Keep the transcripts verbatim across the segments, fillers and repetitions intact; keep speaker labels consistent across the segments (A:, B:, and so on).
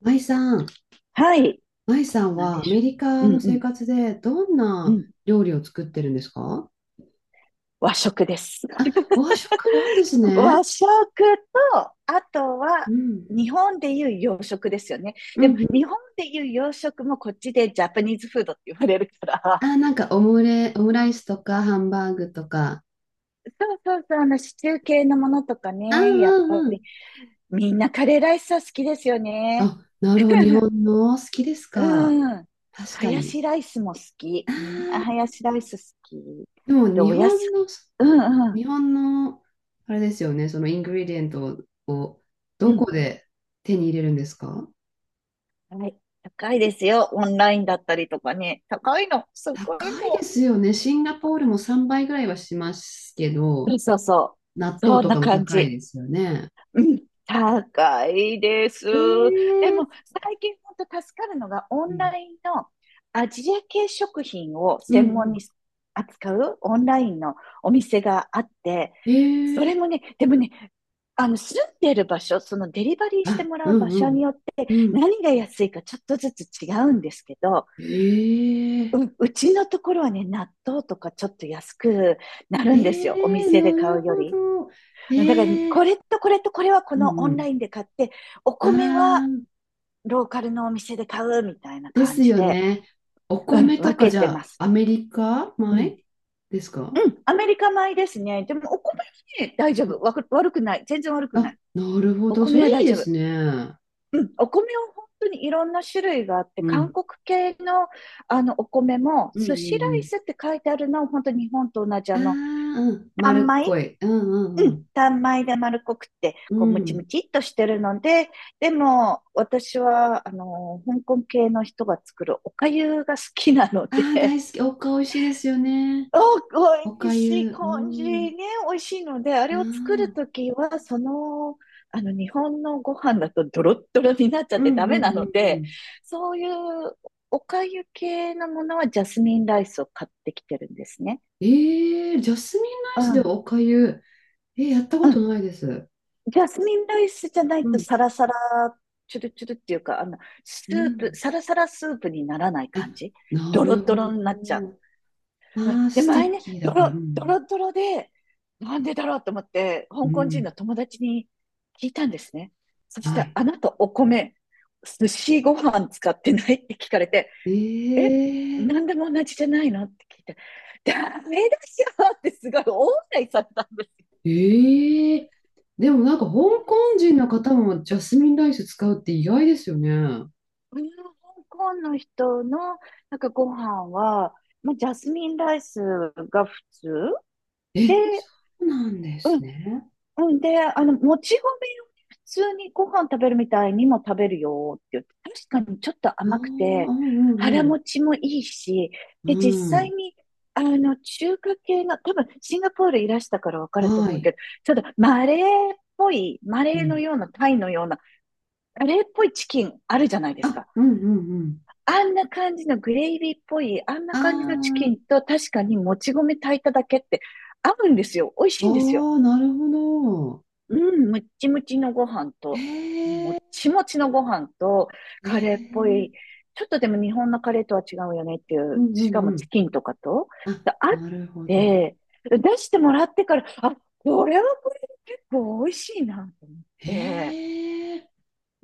A: 舞さん、
B: はい。
A: 舞さん
B: なん
A: は
B: で
A: ア
B: し
A: メリカ
B: ょう。
A: の
B: うんう
A: 生
B: ん。
A: 活でどん
B: う
A: な
B: ん。
A: 料理を作ってるんですか？
B: 和食です。
A: あ、和食なんです
B: 和
A: ね。
B: 食と、あとは、
A: うん。
B: 日本でいう洋食ですよね。
A: うん
B: で
A: う
B: も、
A: ん。
B: 日本でいう洋食もこっちでジャパニーズフードって言われるから。
A: あ、なんかオムレ、オムライスとかハンバーグとか。
B: そうそうそう、あの、シチュー系のものとか
A: あ、
B: ね、やっ
A: う
B: ぱ
A: んう
B: り、
A: ん。
B: みんなカレーライスは好きですよね。
A: あ、なるほど。日本の好きですか？
B: うん。
A: 確
B: ハ
A: か
B: ヤ
A: に。
B: シライスも好き。みんなハヤシライス好き。
A: でも
B: で、
A: 日
B: おや
A: 本
B: す、
A: の、
B: うんうん。
A: 日本の、あれですよね。そのイングリデントを
B: う
A: ど
B: ん。
A: こで手に入れるんですか？
B: はい。高いですよ。オンラインだったりとかね。高いの。すごい
A: 高いで
B: も
A: すよね。シンガポールもさんばいぐらいはしますけど、
B: う。そうそう。
A: 納豆
B: そん
A: と
B: な
A: かも
B: 感
A: 高い
B: じ。
A: ですよね。
B: うん。高いです。
A: え
B: で
A: ー、
B: も、最近本当助かるのが、オ
A: う
B: ン
A: ん、
B: ラインのアジア系食品を
A: うん、う
B: 専門
A: ん。
B: に扱うオンラインのお店があって、
A: え
B: そ
A: ー、
B: れもね、でもね、あの、住んでる場所、そのデリバリーして
A: あ、
B: も
A: う
B: らう場
A: ん、う
B: 所に
A: ん、
B: よって
A: うん。
B: 何が安いかちょっとずつ違うんですけど、
A: えー、
B: う、うちのところはね、納豆とかちょっと安くな
A: え
B: るんですよ。お
A: ー、
B: 店で
A: な
B: 買
A: る
B: うよ
A: ほ
B: り。
A: ど。え
B: だから、
A: ー、
B: これとこれとこれはこ
A: う
B: の
A: ん、
B: オ
A: う
B: ン
A: ん。
B: ラインで買って、お
A: あ
B: 米は
A: ー、
B: ローカルのお店で買うみたいな
A: で
B: 感
A: す
B: じ
A: よ
B: で、
A: ね。お
B: うん、
A: 米と
B: 分
A: か
B: け
A: じゃ
B: てま
A: あ、
B: す。
A: アメリカ
B: う
A: 米
B: ん。
A: ですか？
B: うん、アメリカ米ですね。でも、お米はね、大丈夫。わく悪くない。全然悪くな
A: あ、
B: い。
A: なるほ
B: お
A: ど。そ
B: 米
A: れ
B: は大
A: いいで
B: 丈夫。
A: すね。
B: うん、お米は本当にいろんな種類があって、
A: う
B: 韓
A: ん、
B: 国系のあのお米も、
A: うん、う
B: 寿司
A: ん、う
B: ライ
A: ん。
B: スって書いてあるのは、本当に日本と同じ
A: あ
B: あ
A: あ、
B: の、
A: うん。
B: 単
A: 丸っ
B: 米
A: こい。う
B: う
A: んう
B: ん、
A: ん
B: 単米で丸っこくって、
A: う
B: こう、
A: ん。
B: ム
A: う
B: チ
A: ん。
B: ムチっとしてるので、でも、私は、あの、香港系の人が作るおかゆが好きなの
A: ああ、大
B: で、
A: 好き。おか美味しいですよね。お
B: お、美味
A: か
B: しい
A: ゆ。う
B: 感じ
A: ん。
B: ね、美味しいので、あ
A: あ
B: れを作ると
A: あ。
B: きは、その、あの、日本のご飯だとドロッドロになっちゃっ
A: う
B: て
A: ん
B: ダ
A: うん
B: メな
A: うん
B: の
A: う
B: で、
A: ん。
B: そういうおかゆ系のものはジャスミンライスを買ってきてるんですね。
A: ええ、ジャスミンラ
B: う
A: イスで
B: ん。
A: おかゆ。えー、やったこ
B: う
A: と
B: ん。
A: ないです。
B: ジャスミンライスじゃな
A: う
B: いと
A: ん
B: サラサラ、チュルチュルっていうか、あの、ス
A: う
B: ープ、
A: ん。
B: サラサラスープにならない感
A: あ、
B: じ。
A: な
B: ドロ
A: る
B: ド
A: ほ
B: ロになっちゃ
A: ど。
B: う。うん
A: ああ、
B: で、
A: ステ
B: 前
A: ィッ
B: ね、
A: キーだ
B: ド
A: から。う
B: ロ、ド
A: ん。
B: ロドロで、なんでだろうと思って、
A: う
B: 香港人の
A: ん。
B: 友達に聞いたんですね。そし
A: は
B: て、
A: い。
B: あなたお米、寿司ご飯使ってないって聞かれて、
A: え
B: え、
A: え、
B: なんでも同じじゃないのって聞いて、ダメだよってすごい大笑いされたんですよ。
A: ええ、でもなんか香
B: あ
A: 港
B: あ、そう、
A: 人の方もジャスミンライス使うって意外ですよね。
B: うん、香港の人のなんかご飯は、まあ、ジャスミンライスが普通で、
A: え、そうなんで
B: う
A: す
B: ん、
A: ね。
B: うんで、あの、もち米を普通にご飯食べるみたいにも食べるよって言って、確かにちょっと
A: ああ、う
B: 甘くて、
A: ん
B: 腹
A: うん
B: 持ちもいいし、
A: う
B: で、実
A: ん。う
B: 際
A: ん。
B: に、あの、中華系の、多分シンガポールいらしたからわかると
A: は
B: 思う
A: い。
B: けど、ちょっとマレーっぽい、マ
A: う
B: レーの
A: ん。
B: ような、タイのような、マレーっぽいチキンあるじゃないです
A: あ、
B: か。
A: うんうんうん。
B: あんな感じのグレイビーっぽい、あんな
A: あ
B: 感じのチキンと確かにもち米炊いただけって合うんですよ。美味し
A: あ、
B: いんですよ。
A: ああ、なるほど。
B: うん、むっちむちのご飯と、も
A: え
B: っ
A: え、
B: ちもちのご飯と、
A: え
B: カレーっぽい、
A: え、
B: ちょっとでも日本のカレーとは違うよねってい
A: う
B: う、
A: ん
B: しか
A: う
B: も
A: んうん。
B: チキンとかと、
A: あ、
B: であっ
A: なるほど。
B: て、出してもらってから、あ、これはこれで結構美味しいなと思って、
A: ええ、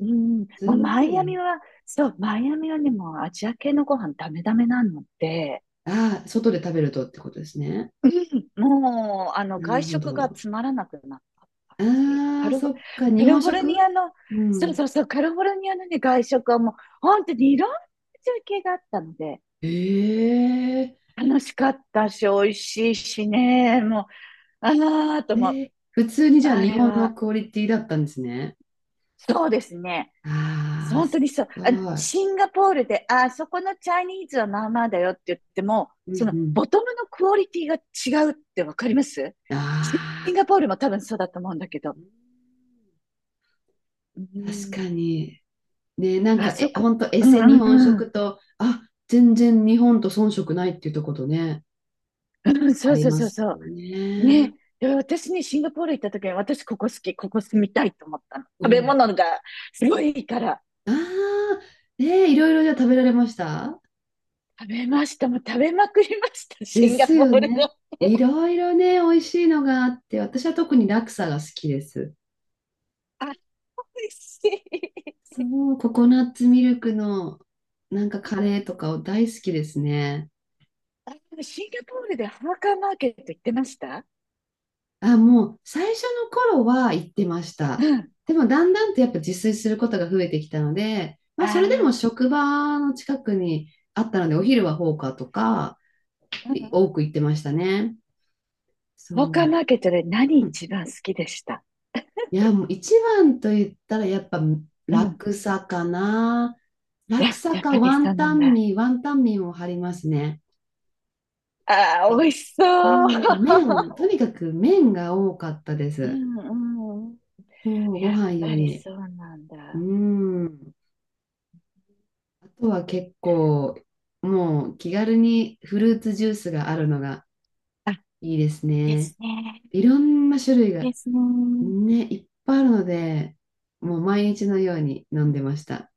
B: うん、ま
A: す
B: あ、マ
A: ご
B: イアミ
A: い。
B: は、そう、マイアミはね、もうアジア系のご飯ダメダメなので、
A: ああ、外で食べるとってことですね。
B: うんもう、あの、
A: な
B: 外
A: るほ
B: 食が
A: ど。
B: つまらなくなった感じ。カ
A: ああ、
B: ル
A: そ
B: フ、カ
A: っか、日
B: リフ
A: 本
B: ォルニ
A: 食。
B: アの、
A: う
B: そう
A: ん。
B: そうそう、カリフォルニアのね、外食はもう、本当にいろんな中継があったので、
A: ええ、
B: 楽しかったし、美味しいしね、もう、あーと
A: え
B: も、
A: え、普通にじゃあ
B: あ
A: 日
B: れ
A: 本の
B: は、
A: クオリティだったんですね。
B: そうですね。
A: ああ、
B: 本当に
A: す
B: そう。
A: ご
B: あの、
A: い。
B: シンガポールで、あ、そこのチャイニーズはまあまあだよって言っても、
A: うんう
B: その
A: ん。
B: ボトムのクオリティが違うってわかります？
A: あ
B: シン
A: あ、
B: ガポールも多分そうだと思うんだけど。
A: うん、
B: う
A: 確
B: ん。
A: かに。ね、なん
B: あ
A: か、
B: そ
A: え、
B: こ、
A: ほんとエ
B: うん
A: セ日
B: う
A: 本
B: んうん。
A: 食と、あ、全然日本と遜色ないっていうとことね、
B: うん、そ
A: あ
B: う
A: り
B: そう
A: ま
B: そう
A: す
B: そ
A: よ
B: う。ね。
A: ね。
B: で私にシンガポール行った時に、私ここ好き、ここ住みたいと思ったの。食べ
A: お、
B: 物がすごいいいから。
A: ああ、ね、いろいろじゃあ食べられました？
B: 食べました。もう食べまくりました。
A: で
B: シンガ
A: す
B: ポ
A: よ
B: ールの。
A: ね。いろいろね、美味しいのがあって、私は特にラクサが好きです。
B: あ、美味しい。
A: そう、ココナッツミルクのなんかカレーとかを大好きですね。
B: あ、シンガポールでハーカーマーケット行ってました？
A: あ、もう最初の頃は行ってまし
B: う
A: た。
B: ん。
A: でもだんだんとやっぱ自炊することが増えてきたので、まあそれ
B: あ
A: でも
B: あ、
A: 職場の近くにあったので、お
B: う
A: 昼はフォーカーとか
B: んうんう
A: い多
B: ん。
A: く行ってましたね。
B: ハー
A: そう。
B: カーマーケットで何
A: うん、
B: 一番好きでした？
A: いや、もう一番と言ったらやっぱ
B: うん。
A: 楽さかな。
B: い
A: 楽
B: や、
A: さ
B: やっぱ
A: か
B: り
A: ワ
B: そう
A: ン
B: な
A: タ
B: ん
A: ン
B: だ。
A: ミー、ワンタンミーも張りますね。
B: ああ、美味しそう。
A: もう麺、とにかく麺が多かったで
B: う
A: す。
B: んうんうん。
A: そう、ご
B: やっ
A: 飯よ
B: ぱり
A: り。
B: そうなん
A: う
B: だ。
A: ん。あとは結構、もう気軽にフルーツジュースがあるのが
B: あ、い
A: いいです
B: いで
A: ね。
B: すね。
A: いろんな種類が
B: いいですね。
A: ね、いっぱいあるので、もう毎日のように飲んでました。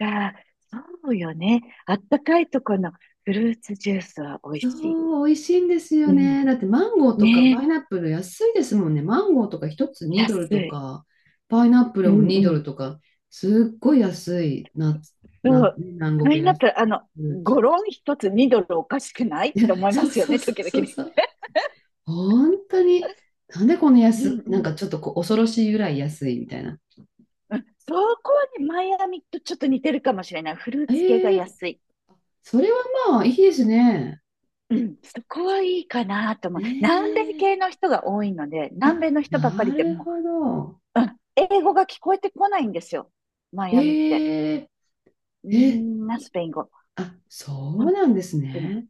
B: あ、そうよね。あったかいとこのフルーツジュースは美味しい。
A: そう、美味しいんですよ
B: うん。
A: ね。だってマンゴーとかパ
B: ね
A: イナップル安いですもんね。マンゴーとかひとつ
B: え。
A: にド
B: 安
A: ルと
B: い。
A: か、パイナップ
B: う
A: ルも
B: ん
A: に
B: う
A: ドル
B: ん。
A: とか、すっごい安いな、
B: う
A: な、
B: ん。
A: ね、
B: あ
A: 南
B: れに
A: 国
B: な
A: や
B: っ
A: フ
B: たら、あの、
A: ルー
B: ゴ
A: ツ。
B: ロン一つにドルおかしくないって思いま
A: そう
B: すよ
A: そう
B: ね、
A: そ
B: 時
A: う
B: 々
A: そう
B: ね。
A: そう。本当に、なんでこの
B: うん
A: 安、
B: う
A: なんか
B: ん。
A: ちょっとこう恐ろしいぐらい安いみたいな。
B: うんそこはね、マイアミとちょっと似てるかもしれない。フルーツ系が
A: ええ、
B: 安い。
A: それはまあいいですね。
B: うん、そこはいいかなと思
A: ね
B: う。南米系
A: え。
B: の人が多いので、
A: あ、
B: 南米の人ばか
A: な
B: りで
A: る
B: も
A: ほど。
B: う、うん、英語が聞こえてこないんですよ。マイ
A: え
B: アミって。
A: え
B: み
A: え、
B: んなスペイン語。
A: あ、そう
B: 本
A: なんです
B: 当に。
A: ね。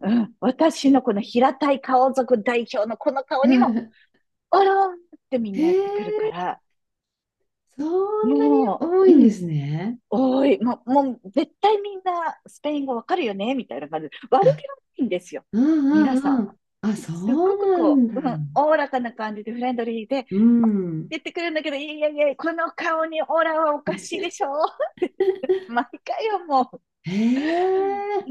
B: うん、私のこの平たい顔族代表のこの 顔
A: う
B: にも、
A: ん、
B: おろーんってみんなやってくるか
A: ええ、
B: ら、
A: そんなに
B: も
A: 多
B: う、
A: いん
B: う
A: で
B: ん、
A: すね。
B: 多い。もう、もう絶対みんなスペイン語わかるよねみたいな感じで。悪
A: あ、
B: 気はないんですよ。
A: うん
B: 皆
A: うんう
B: さん。
A: ん。あ、そ
B: すっごく
A: うな
B: こ
A: ん
B: う、うん、
A: だ。
B: おおらかな感じでフレンドリーで
A: うん。
B: 言ってくるんだけど、いやいや、この顔にオーラはおかしいでしょ 毎回よ、もう。
A: ええ、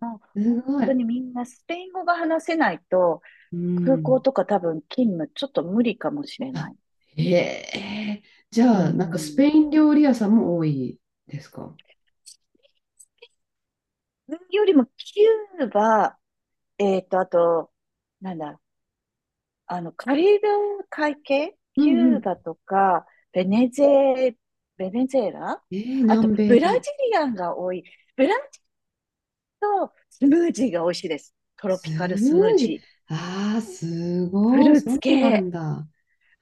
B: もう本
A: すご
B: 当に
A: い。
B: みんなスペイン語が話せないと、
A: う
B: 空港
A: ん。
B: とか多分勤務ちょっと無理かもしれな
A: あ、
B: い。
A: へえ。じ
B: う
A: ゃあ、なんかスペ
B: ん。
A: イン料理屋さんも多いですか？
B: よりもキューバ、えっと、あと、なんだ、あの、カリブ海系、
A: う
B: キ
A: んう
B: ュー
A: ん。
B: バとか、ベネズエ、ベネズエラ
A: えー、
B: あと、
A: 南米
B: ブラジ
A: の。
B: リアンが多い。ブランとスムージーが美味しいです。トロ
A: ス
B: ピカルス
A: ム
B: ムー
A: ージー。
B: ジー。
A: ああ、す
B: フ
A: ごい。
B: ルー
A: そ
B: ツ
A: んなのある
B: 系。
A: んだ。あ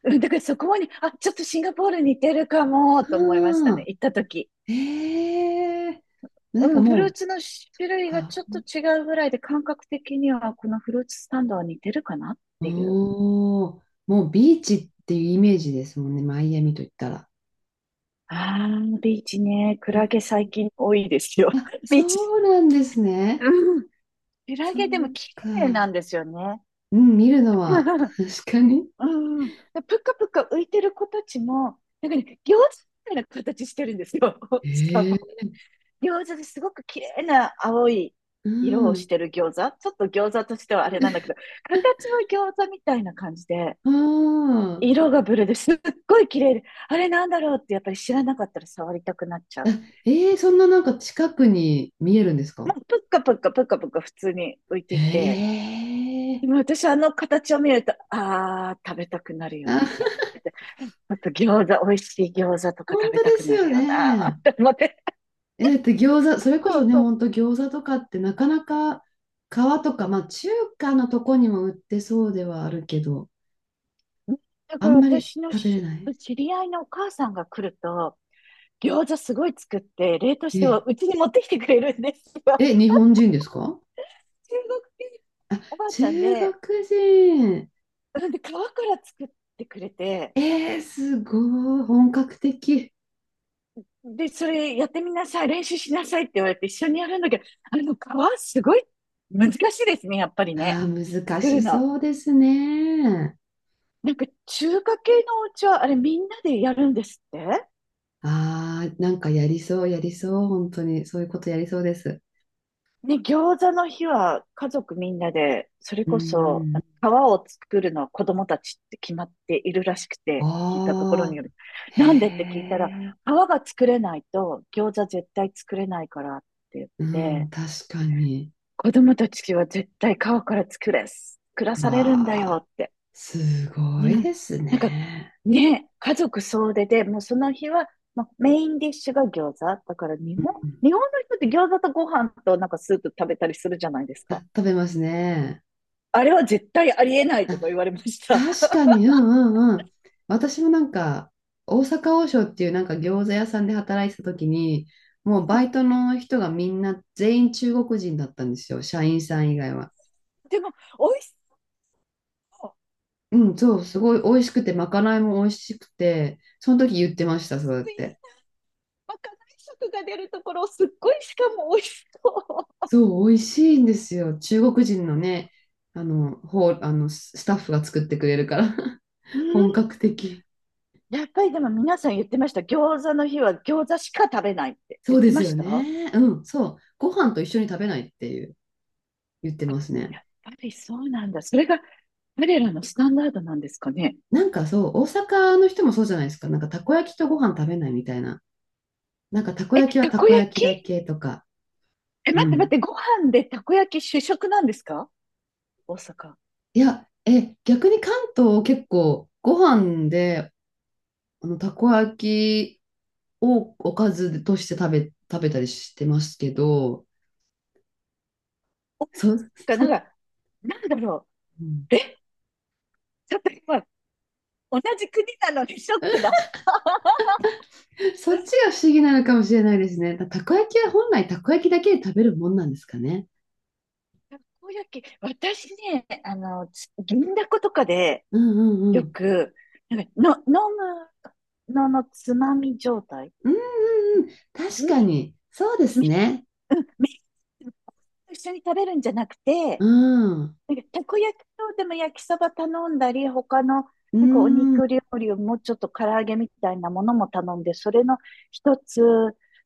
B: うんだからそこに、あ、ちょっとシンガポール似てるかも、と思いましたね。
A: あ、
B: 行った時。
A: ええー。なん
B: う
A: か
B: ん、フル
A: も
B: ーツの種
A: う、
B: 類が
A: か、
B: ちょっと違うぐらいで、感覚的にはこのフルーツスタンドは似てるかなっていう。
A: おお、もうビーチっていうイメージですもんね。マイアミと言ったら。
B: ああ、ビーチね。ク
A: う
B: ラ
A: ん、
B: ゲ最近多いですよ。
A: あ、
B: ビ
A: そ
B: ーチ。
A: うなんですね。
B: うんクラ
A: そ
B: ゲでも
A: う
B: 綺麗な
A: か。
B: んですよね。
A: うん、見るのは、確かに。
B: うん。でぷかぷか浮いてる子たちも、なんかね、餃子みたいな形してるんですよ。しか
A: え
B: も。
A: え。
B: 餃子ですごく綺麗な青い
A: う
B: 色をし
A: ん。
B: てる餃子。ちょっと餃子としてはあれなんだけど、形は餃子みたいな感じで、
A: ああ、
B: 色がブルーですっごい綺麗で、あれなんだろうってやっぱり知らなかったら触りたくなっちゃ
A: あ、
B: う。
A: えー、そんななんか近くに見えるんです
B: ま
A: か？
B: あ、ぷっかぷっかぷっかぷっか普通に浮いていて、
A: ええ
B: でも私あの形を見ると、ああ、食べたくなるよ
A: ー、あ、
B: ね。あと餃子、美味しい餃子とか
A: 本
B: 食べ
A: 当
B: た
A: で
B: く
A: す
B: な
A: よ
B: るよな、っ
A: ね。
B: て思って。
A: えー、だって餃子、それこ
B: そ
A: そ
B: う
A: ね、
B: そう。
A: 本当餃子とかってなかなか皮とか、まあ中華のとこにも売ってそうではあるけど、
B: だ
A: あ
B: から
A: んまり
B: 私の
A: 食べれ
B: し
A: ない。
B: 知り合いのお母さんが来ると、餃子すごい作って、冷凍しては
A: え、
B: うちに持ってきてくれるんですよ。
A: え、日本人ですか？
B: 中国人
A: あ、
B: おばあちゃん
A: 中
B: で、
A: 国人。
B: なんで皮から作ってくれて、
A: えー、すごい、本格的。
B: で、それやってみなさい、練習しなさいって言われて一緒にやるんだけど、あの皮すごい難しいですね、やっぱりね。
A: あー、難
B: 作
A: し
B: るの。
A: そうですね。
B: なんか中華系のお家はあれみんなでやるんですって
A: ああ、なんかやりそう、やりそう、本当に、そういうことやりそうです。
B: ね、餃子の日は家族みんなで、それ
A: う
B: こそ
A: ん、
B: 皮を作るのは子供たちって決まっているらしくて、聞いたところに
A: あ
B: よる。
A: あ、
B: なんでって聞い
A: へ
B: たら、
A: え、
B: 皮が作れないと餃子絶対作れないからって言っ
A: うん、
B: て、
A: 確かに。
B: 子供たちは絶対川から作れ、作らされるんだ
A: わ
B: よ
A: あ、
B: って。
A: す
B: う
A: ごい
B: ん。
A: です
B: なんか、
A: ね。
B: ね、家族総出で、もうその日は、まあ、メインディッシュが餃子。だから日
A: う
B: 本、
A: ん、
B: 日本の人って餃子とご飯となんかスープ食べたりするじゃないです
A: あ、
B: か。
A: 食べますね。
B: あれは絶対ありえない
A: あ、
B: とか言われました。
A: 確かに、うんうんうん。私もなんか、大阪王将っていうなんか餃子屋さんで働いてた時に、もうバイトの人がみんな全員中国人だったんですよ、社員さん以外は。
B: でも、美味しそう。
A: うん、そう、すごい美味しくて、まかないも美味しくて、その時言ってました、そう
B: す
A: やっ
B: ごい、
A: て。
B: まかない色が出るところ、すっごいしかも美味しそ
A: そう、美味しいんですよ。中国人のね、あの、ほう、あの、ススタッフが作ってくれるから、
B: う。う
A: 本
B: ん。
A: 格的。
B: やっぱりでも皆さん言ってました。餃子の日は餃子しか食べないって
A: そ
B: 言
A: う
B: っ
A: で
B: て
A: す
B: ま
A: よ
B: した。
A: ね。うん、そう。ご飯と一緒に食べないっていう、言って
B: あ、
A: ます
B: や
A: ね。
B: っぱりそうなんだ。それが彼らのスタンダードなんですかね。
A: なんかそう、大阪の人もそうじゃないですか。なんかたこ焼きとご飯食べないみたいな。なんかたこ
B: え、
A: 焼きは
B: た
A: た
B: こ
A: こ
B: 焼
A: 焼き
B: き？
A: だけとか。
B: え、
A: う
B: 待って待っ
A: ん。
B: て、ご飯でたこ焼き主食なんですか？大阪。
A: いや、え、逆に関東結構ご飯であの、たこ焼きをおかずとして食べ、食べたりしてますけど、
B: お、て
A: そ、
B: か、
A: そ、
B: なん
A: う
B: か、なんだろう。
A: ん、
B: え、ちょっと今、同じ国なのにショックだ。た
A: そっちが不思議なのかもしれないですね。たたこ焼きは本来たこ焼きだけで食べるもんなんですかね。
B: こ焼き、私ね、あの、つ銀だことかで、
A: うんうんう
B: よ
A: ん。
B: く、なんか、の、飲むののつまみ状態。
A: うんうんうん。確
B: ね、
A: かに。そうです
B: み、
A: ね。
B: うん、み、一緒に食べるんじゃなく
A: う
B: て、
A: ん。
B: なんか、たこ焼きと、でも焼きそば頼んだり、他の、
A: う
B: なんかお
A: ん。
B: 肉料理をもうちょっと唐揚げみたいなものも頼んで、それの一つ、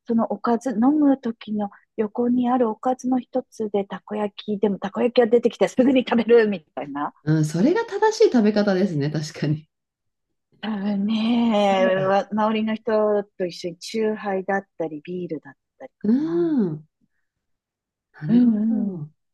B: そのおかず、飲む時の横にあるおかずの一つで、たこ焼き、でもたこ焼きが出てきてすぐに食べるみたいな。
A: うん。それが正しい食べ方ですね。確かに。
B: 多分
A: そ
B: ね、
A: うだ。
B: わ周りの人と一緒にチューハイだったり、ビールだったり
A: う
B: かな。
A: ん。な
B: う
A: るほ
B: んうん。
A: ど。